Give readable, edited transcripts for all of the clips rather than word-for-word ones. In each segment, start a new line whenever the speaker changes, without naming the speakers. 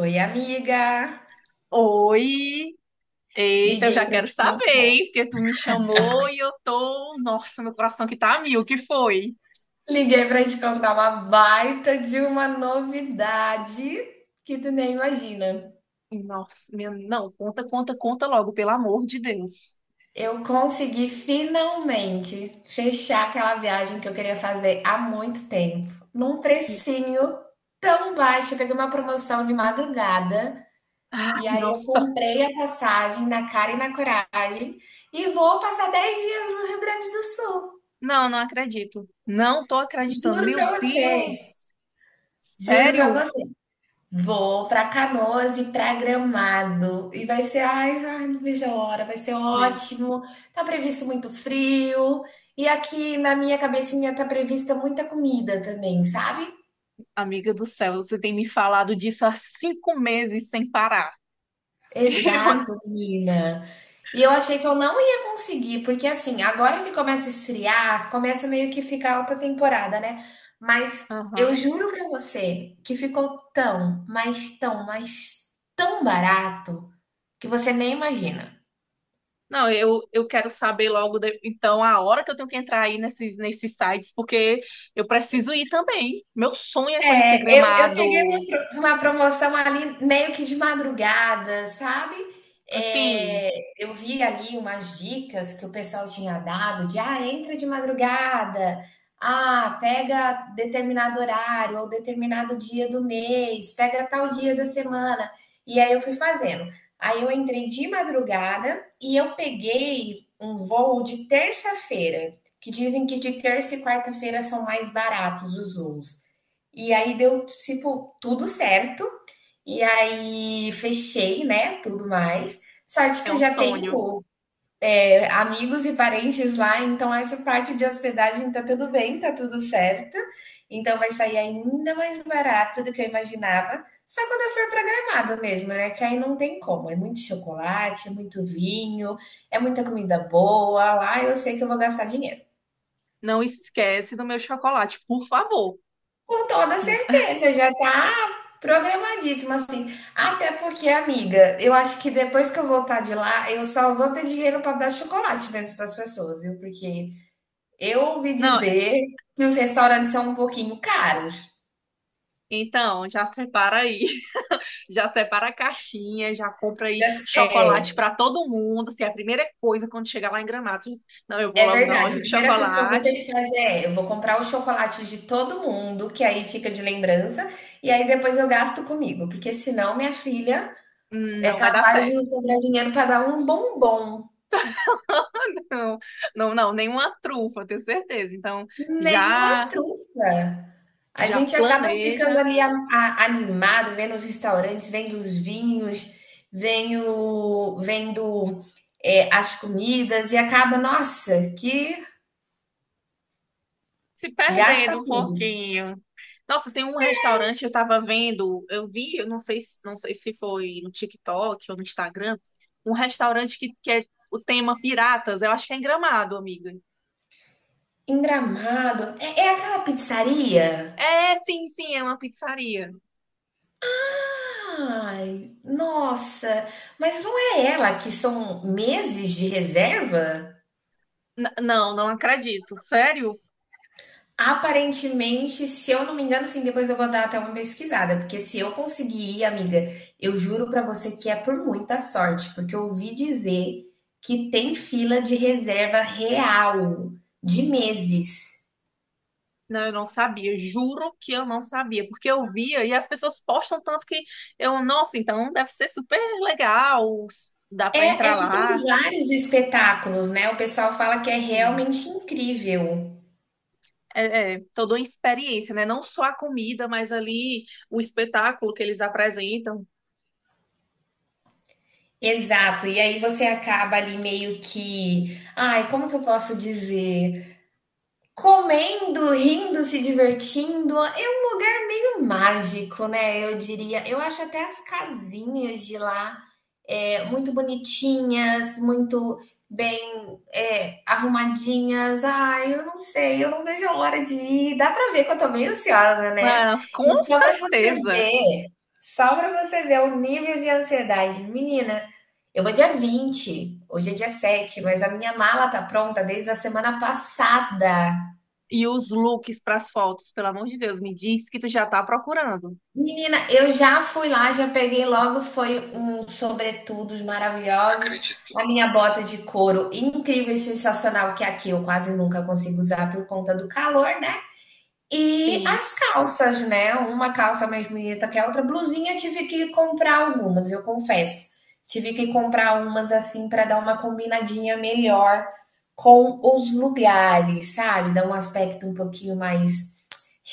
Oi, amiga!
Oi! Eita, eu
Liguei
já
para
quero
te
saber,
contar,
hein? Porque tu me chamou e eu tô. Nossa, meu coração que tá a mil, o que foi?
liguei para te contar uma baita de uma novidade que tu nem imagina.
Nossa, minha... não, conta logo, pelo amor de Deus.
Eu consegui finalmente fechar aquela viagem que eu queria fazer há muito tempo, num precinho tão baixo. Eu peguei uma promoção de madrugada e
Ai,
aí eu
nossa.
comprei a passagem na cara e na coragem e vou passar 10 dias no Rio Grande do Sul.
Não, não acredito. Não tô acreditando.
Juro
Meu
para você,
Deus!
juro para
Sério?
você. Vou para Canoas e para Gramado. E vai ser, ai, ai, não vejo a hora, vai ser
Meu-
ótimo. Tá previsto muito frio. E aqui na minha cabecinha tá prevista muita comida também, sabe?
Amiga do céu, você tem me falado disso há 5 meses sem parar. Eu...
Exato,
não-
menina. E eu achei que eu não ia conseguir, porque assim, agora que começa a esfriar, começa meio que ficar alta temporada, né? Mas eu
Aham.
juro pra você que ficou tão, mas tão, mas tão barato que você nem imagina.
Não, eu quero saber logo, de- então, a hora que eu tenho que entrar aí nesses sites, porque eu preciso ir também. Meu sonho é conhecer
Eu peguei uma,
Gramado.
uma promoção ali meio que de madrugada, sabe?
Assim,
É, eu vi ali umas dicas que o pessoal tinha dado de ah, entra de madrugada, ah, pega determinado horário ou determinado dia do mês, pega tal dia da semana. E aí eu fui fazendo. Aí eu entrei de madrugada e eu peguei um voo de terça-feira, que dizem que de terça e quarta-feira são mais baratos os voos. E aí deu, tipo, tudo certo. E aí fechei, né, tudo mais. Sorte que
é
eu
um
já
sonho.
tenho amigos e parentes lá, então essa parte de hospedagem tá tudo bem, tá tudo certo. Então vai sair ainda mais barato do que eu imaginava. Só quando eu for para Gramado mesmo, né? Que aí não tem como. É muito chocolate, é muito vinho, é muita comida boa. Lá eu sei que eu vou gastar dinheiro.
Não esquece do meu chocolate, por favor.
Com toda
N-
certeza, já tá programadíssimo assim. Até porque, amiga, eu acho que depois que eu voltar de lá, eu só vou ter dinheiro para dar chocolate mesmo para as pessoas, viu? Porque eu ouvi
Não,
dizer que os restaurantes são um pouquinho caros.
então, já separa aí. Já separa a caixinha, já compra aí
Já-
chocolate
é,
para todo mundo. Se é a primeira coisa quando chegar lá em Gramado, você diz, não, eu vou
é
logo na
verdade. A
loja de
primeira coisa que eu vou ter
chocolate.
que fazer é, eu vou comprar o chocolate de todo mundo, que aí fica de lembrança, e aí depois eu gasto comigo, porque senão minha filha é
Não vai dar
capaz de não
certo.
sobrar dinheiro para dar um bombom.
Não, não, não, nenhuma trufa, eu tenho certeza. Então,
Nenhuma
já
trufa. A
já
gente acaba ficando
planeja
ali animado, vendo os restaurantes, vendo os vinhos, vendo as comidas e acaba, nossa, que
se
gasta
perdendo um
tudo.
pouquinho. Nossa, tem um restaurante, eu tava vendo, eu vi, eu não sei, se- não sei se foi no TikTok ou no Instagram, um restaurante que é o tema piratas, eu acho que é em Gramado, amiga.
Em Gramado, é, é aquela pizzaria?
É, sim, é uma pizzaria.
Ai, nossa, mas não é ela que são meses de reserva?
N- não, não acredito. Sério?
Aparentemente, se eu não me engano, sim, depois eu vou dar até uma pesquisada, porque se eu conseguir ir, amiga, eu juro pra você que é por muita sorte, porque eu ouvi dizer que tem fila de reserva real, de meses.
Não, eu não sabia, juro que eu não sabia, porque eu via e as pessoas postam tanto que eu, nossa, então deve ser super legal, dá para
É, é
entrar
que tem
lá.
vários espetáculos, né? O pessoal fala que é
Enfim,
realmente incrível.
é toda uma experiência, né? Não só a comida, mas ali o espetáculo que eles apresentam.
Exato, e aí você acaba ali meio que, ai, como que eu posso dizer? Comendo, rindo, se divertindo, é um lugar meio mágico, né? Eu diria. Eu acho até as casinhas de lá muito bonitinhas, muito bem arrumadinhas. Ai, eu não sei, eu não vejo a hora de ir. Dá para ver que eu tô meio ansiosa, né?
Ah,
E
com
só para você
certeza.
ver, só para você ver o nível de ansiedade, menina. Eu vou dia 20. Hoje é dia 7, mas a minha mala tá pronta desde a semana passada.
E os looks para as fotos, pelo amor de Deus, me diz que tu já tá procurando.
Menina, eu já fui lá, já peguei logo, foi uns sobretudos maravilhosos,
Acredito.
a minha bota de couro incrível e sensacional, que aqui eu quase nunca consigo usar por conta do calor, né? E
Sim.
as calças, né? Uma calça mais bonita que a outra, blusinha, eu tive que comprar algumas, eu confesso. Tive que comprar umas assim para dar uma combinadinha melhor com os lugares, sabe? Dar um aspecto um pouquinho mais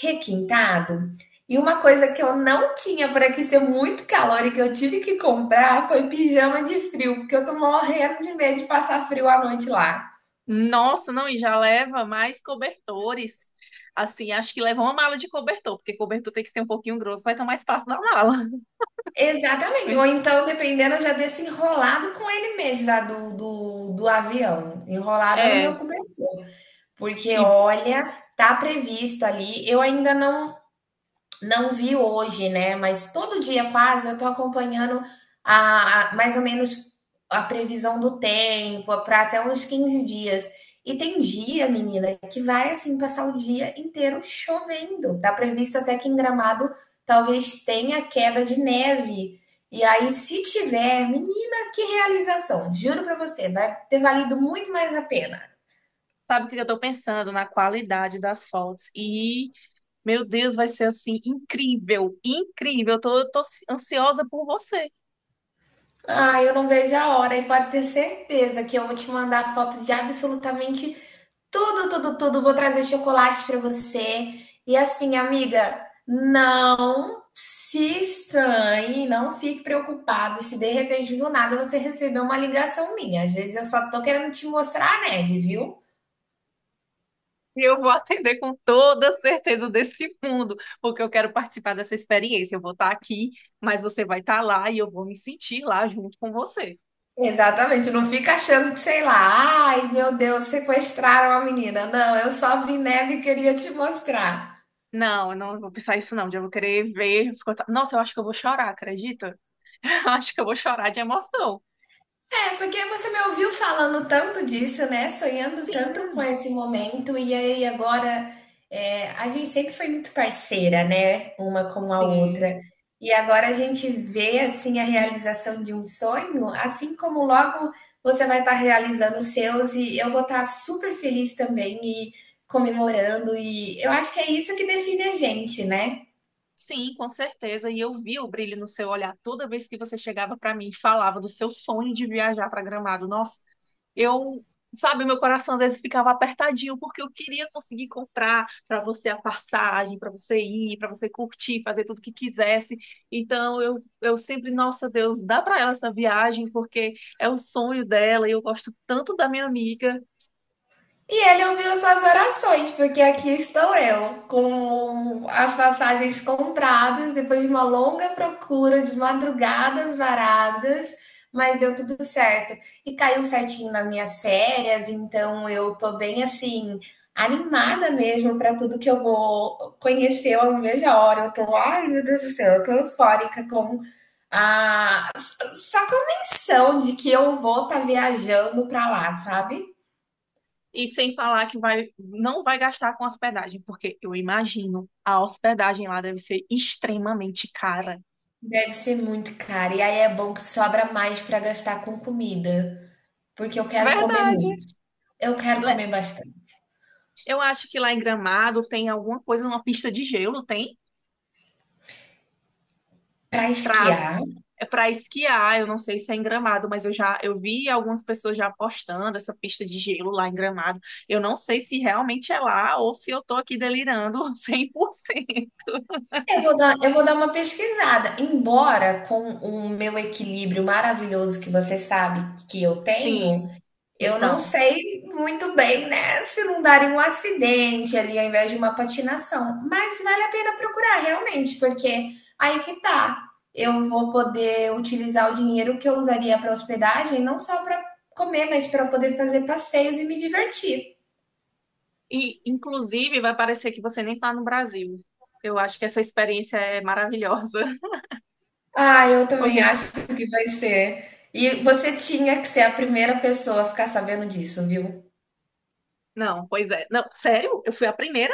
requintado. E uma coisa que eu não tinha por aqui ser muito calor e que eu tive que comprar foi pijama de frio, porque eu tô morrendo de medo de passar frio à noite lá.
Nossa, não, e já leva mais cobertores. Assim, acho que leva uma mala de cobertor, porque cobertor tem que ser um pouquinho grosso, vai tomar espaço na mala.
Exatamente. Ou então, dependendo, eu já desço enrolado com ele mesmo, já do avião, enrolada no meu
É,
cobertor. Porque,
e
olha, tá previsto ali. Eu ainda não, não vi hoje, né? Mas todo dia quase eu tô acompanhando a mais ou menos a previsão do tempo para até uns 15 dias. E tem dia, menina, que vai assim passar o dia inteiro chovendo. Tá previsto até que em Gramado talvez tenha queda de neve. E aí, se tiver, menina, que realização! Juro para você, vai ter valido muito mais a pena.
sabe o que eu tô pensando? Na qualidade das fotos. E, meu Deus, vai ser assim, incrível, incrível. Eu tô ansiosa por você.
Ah, eu não vejo a hora e pode ter certeza que eu vou te mandar foto de absolutamente tudo, tudo, tudo. Vou trazer chocolates para você. E assim, amiga, não se estranhe, não fique preocupado se de repente do nada você receber uma ligação minha. Às vezes eu só tô querendo te mostrar a neve, viu?
E eu vou atender com toda certeza desse mundo, porque eu quero participar dessa experiência. Eu vou estar aqui, mas você vai estar lá e eu vou me sentir lá junto com você.
Exatamente, não fica achando que, sei lá, ai meu Deus, sequestraram a menina. Não, eu só vi neve e queria te mostrar.
Não, eu não vou pensar isso não. Eu vou querer ver. Ficou ta- Nossa, eu acho que eu vou chorar, acredita? Eu acho que eu vou chorar de emoção.
É, porque você me ouviu falando tanto disso, né? Sonhando tanto com
Sim,
esse momento, e aí agora a gente sempre foi muito parceira, né? Uma com a
sim.
outra. E agora a gente vê assim a realização de um sonho, assim como logo você vai estar realizando os seus, e eu vou estar super feliz também e comemorando. E eu acho que é isso que define a gente, né?
Sim, com certeza. E eu vi o brilho no seu olhar toda vez que você chegava para mim e falava do seu sonho de viajar para Gramado. Nossa, eu, sabe, meu coração às vezes ficava apertadinho porque eu queria conseguir comprar para você a passagem, para você ir, para você curtir, fazer tudo que quisesse. Então eu, eu sempre, nossa Deus, dá para ela essa viagem porque é o sonho dela e eu gosto tanto da minha amiga.
E ele ouviu suas orações, porque aqui estou eu, com as passagens compradas, depois de uma longa procura, de madrugadas varadas, mas deu tudo certo. E caiu certinho nas minhas férias, então eu tô bem assim, animada mesmo para tudo que eu vou conhecer, eu não vejo a hora. Eu tô, ai meu Deus do céu, eu tô eufórica com a só a menção de que eu vou estar tá viajando para lá, sabe?
E sem falar que vai, não vai gastar com hospedagem, porque eu imagino a hospedagem lá deve ser extremamente cara.
Deve ser muito caro. E aí é bom que sobra mais para gastar com comida, porque eu quero comer
Verdade.
muito. Eu quero
Le-
comer bastante.
Eu acho que lá em Gramado tem alguma coisa, uma pista de gelo, tem?
Para
Pra,
esquiar,
é pra esquiar, eu não sei se é em Gramado, mas eu vi algumas pessoas já postando essa pista de gelo lá em Gramado. Eu não sei se realmente é lá ou se eu tô aqui delirando 100%.
eu vou dar uma pesquisada. Embora com o meu equilíbrio maravilhoso que você sabe que eu tenho,
Sim,
eu não
então.
sei muito bem, né, se não darem um acidente ali ao invés de uma patinação, mas vale a pena procurar realmente, porque aí que tá, eu vou poder utilizar o dinheiro que eu usaria para hospedagem, não só para comer, mas para poder fazer passeios e me divertir.
E, inclusive, vai parecer que você nem está no Brasil. Eu acho que essa experiência é maravilhosa.
Ah, eu também
Porque...
acho que vai ser. E você tinha que ser a primeira pessoa a ficar sabendo disso, viu?
não, pois é. Não, sério? Eu fui a primeira?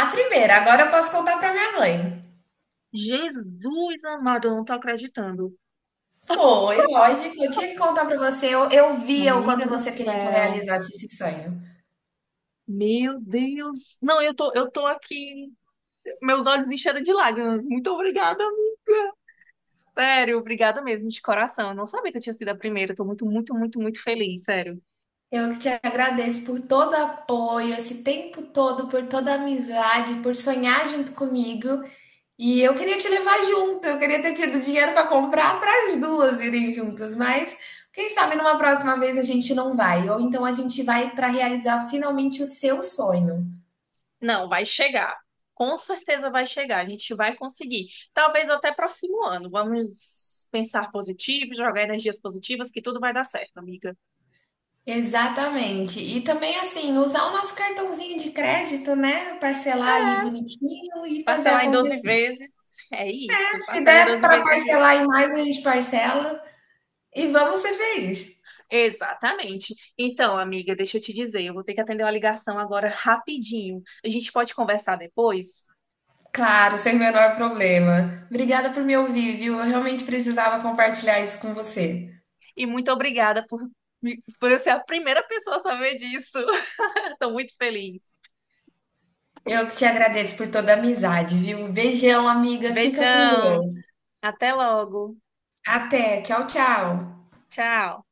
A primeira, agora eu posso contar para minha mãe.
Jesus amado, eu não tô acreditando.
Foi, lógico. Eu tinha que contar para você. Eu via o
Amiga
quanto
do
você queria que eu
céu.
realizasse esse sonho.
Meu Deus. Não, eu tô aqui. Meus olhos encheram de lágrimas. Muito obrigada, amiga. Sério, obrigada mesmo, de coração. Eu não sabia que eu tinha sido a primeira. Eu tô muito, muito, muito, muito feliz, sério.
Eu que te agradeço por todo o apoio, esse tempo todo, por toda a amizade, por sonhar junto comigo. E eu queria te levar junto. Eu queria ter tido dinheiro para comprar para as duas irem juntas, mas quem sabe numa próxima vez a gente não vai, ou então a gente vai para realizar finalmente o seu sonho.
Não, vai chegar. Com certeza vai chegar. A gente vai conseguir. Talvez até próximo ano. Vamos pensar positivo, jogar energias positivas, que tudo vai dar certo, amiga.
Exatamente. E também, assim, usar o nosso cartãozinho de crédito, né? Parcelar ali bonitinho e fazer
Parcelar em 12
acontecer.
vezes. É isso.
Se
Parcela em
der
12
para
vezes sem
parcelar
juros.
em mais, a gente parcela e vamos ser felizes.
Exatamente. Então, amiga, deixa eu te dizer, eu vou ter que atender uma ligação agora rapidinho. A gente pode conversar depois?
Claro, sem o menor problema. Obrigada por me ouvir, viu? Eu realmente precisava compartilhar isso com você.
E muito obrigada por, me- por eu ser a primeira pessoa a saber disso. Estou muito feliz.
Eu que te agradeço por toda a amizade, viu? Beijão, amiga. Fica com
Beijão.
Deus.
Até logo.
Até. Tchau, tchau.
Tchau.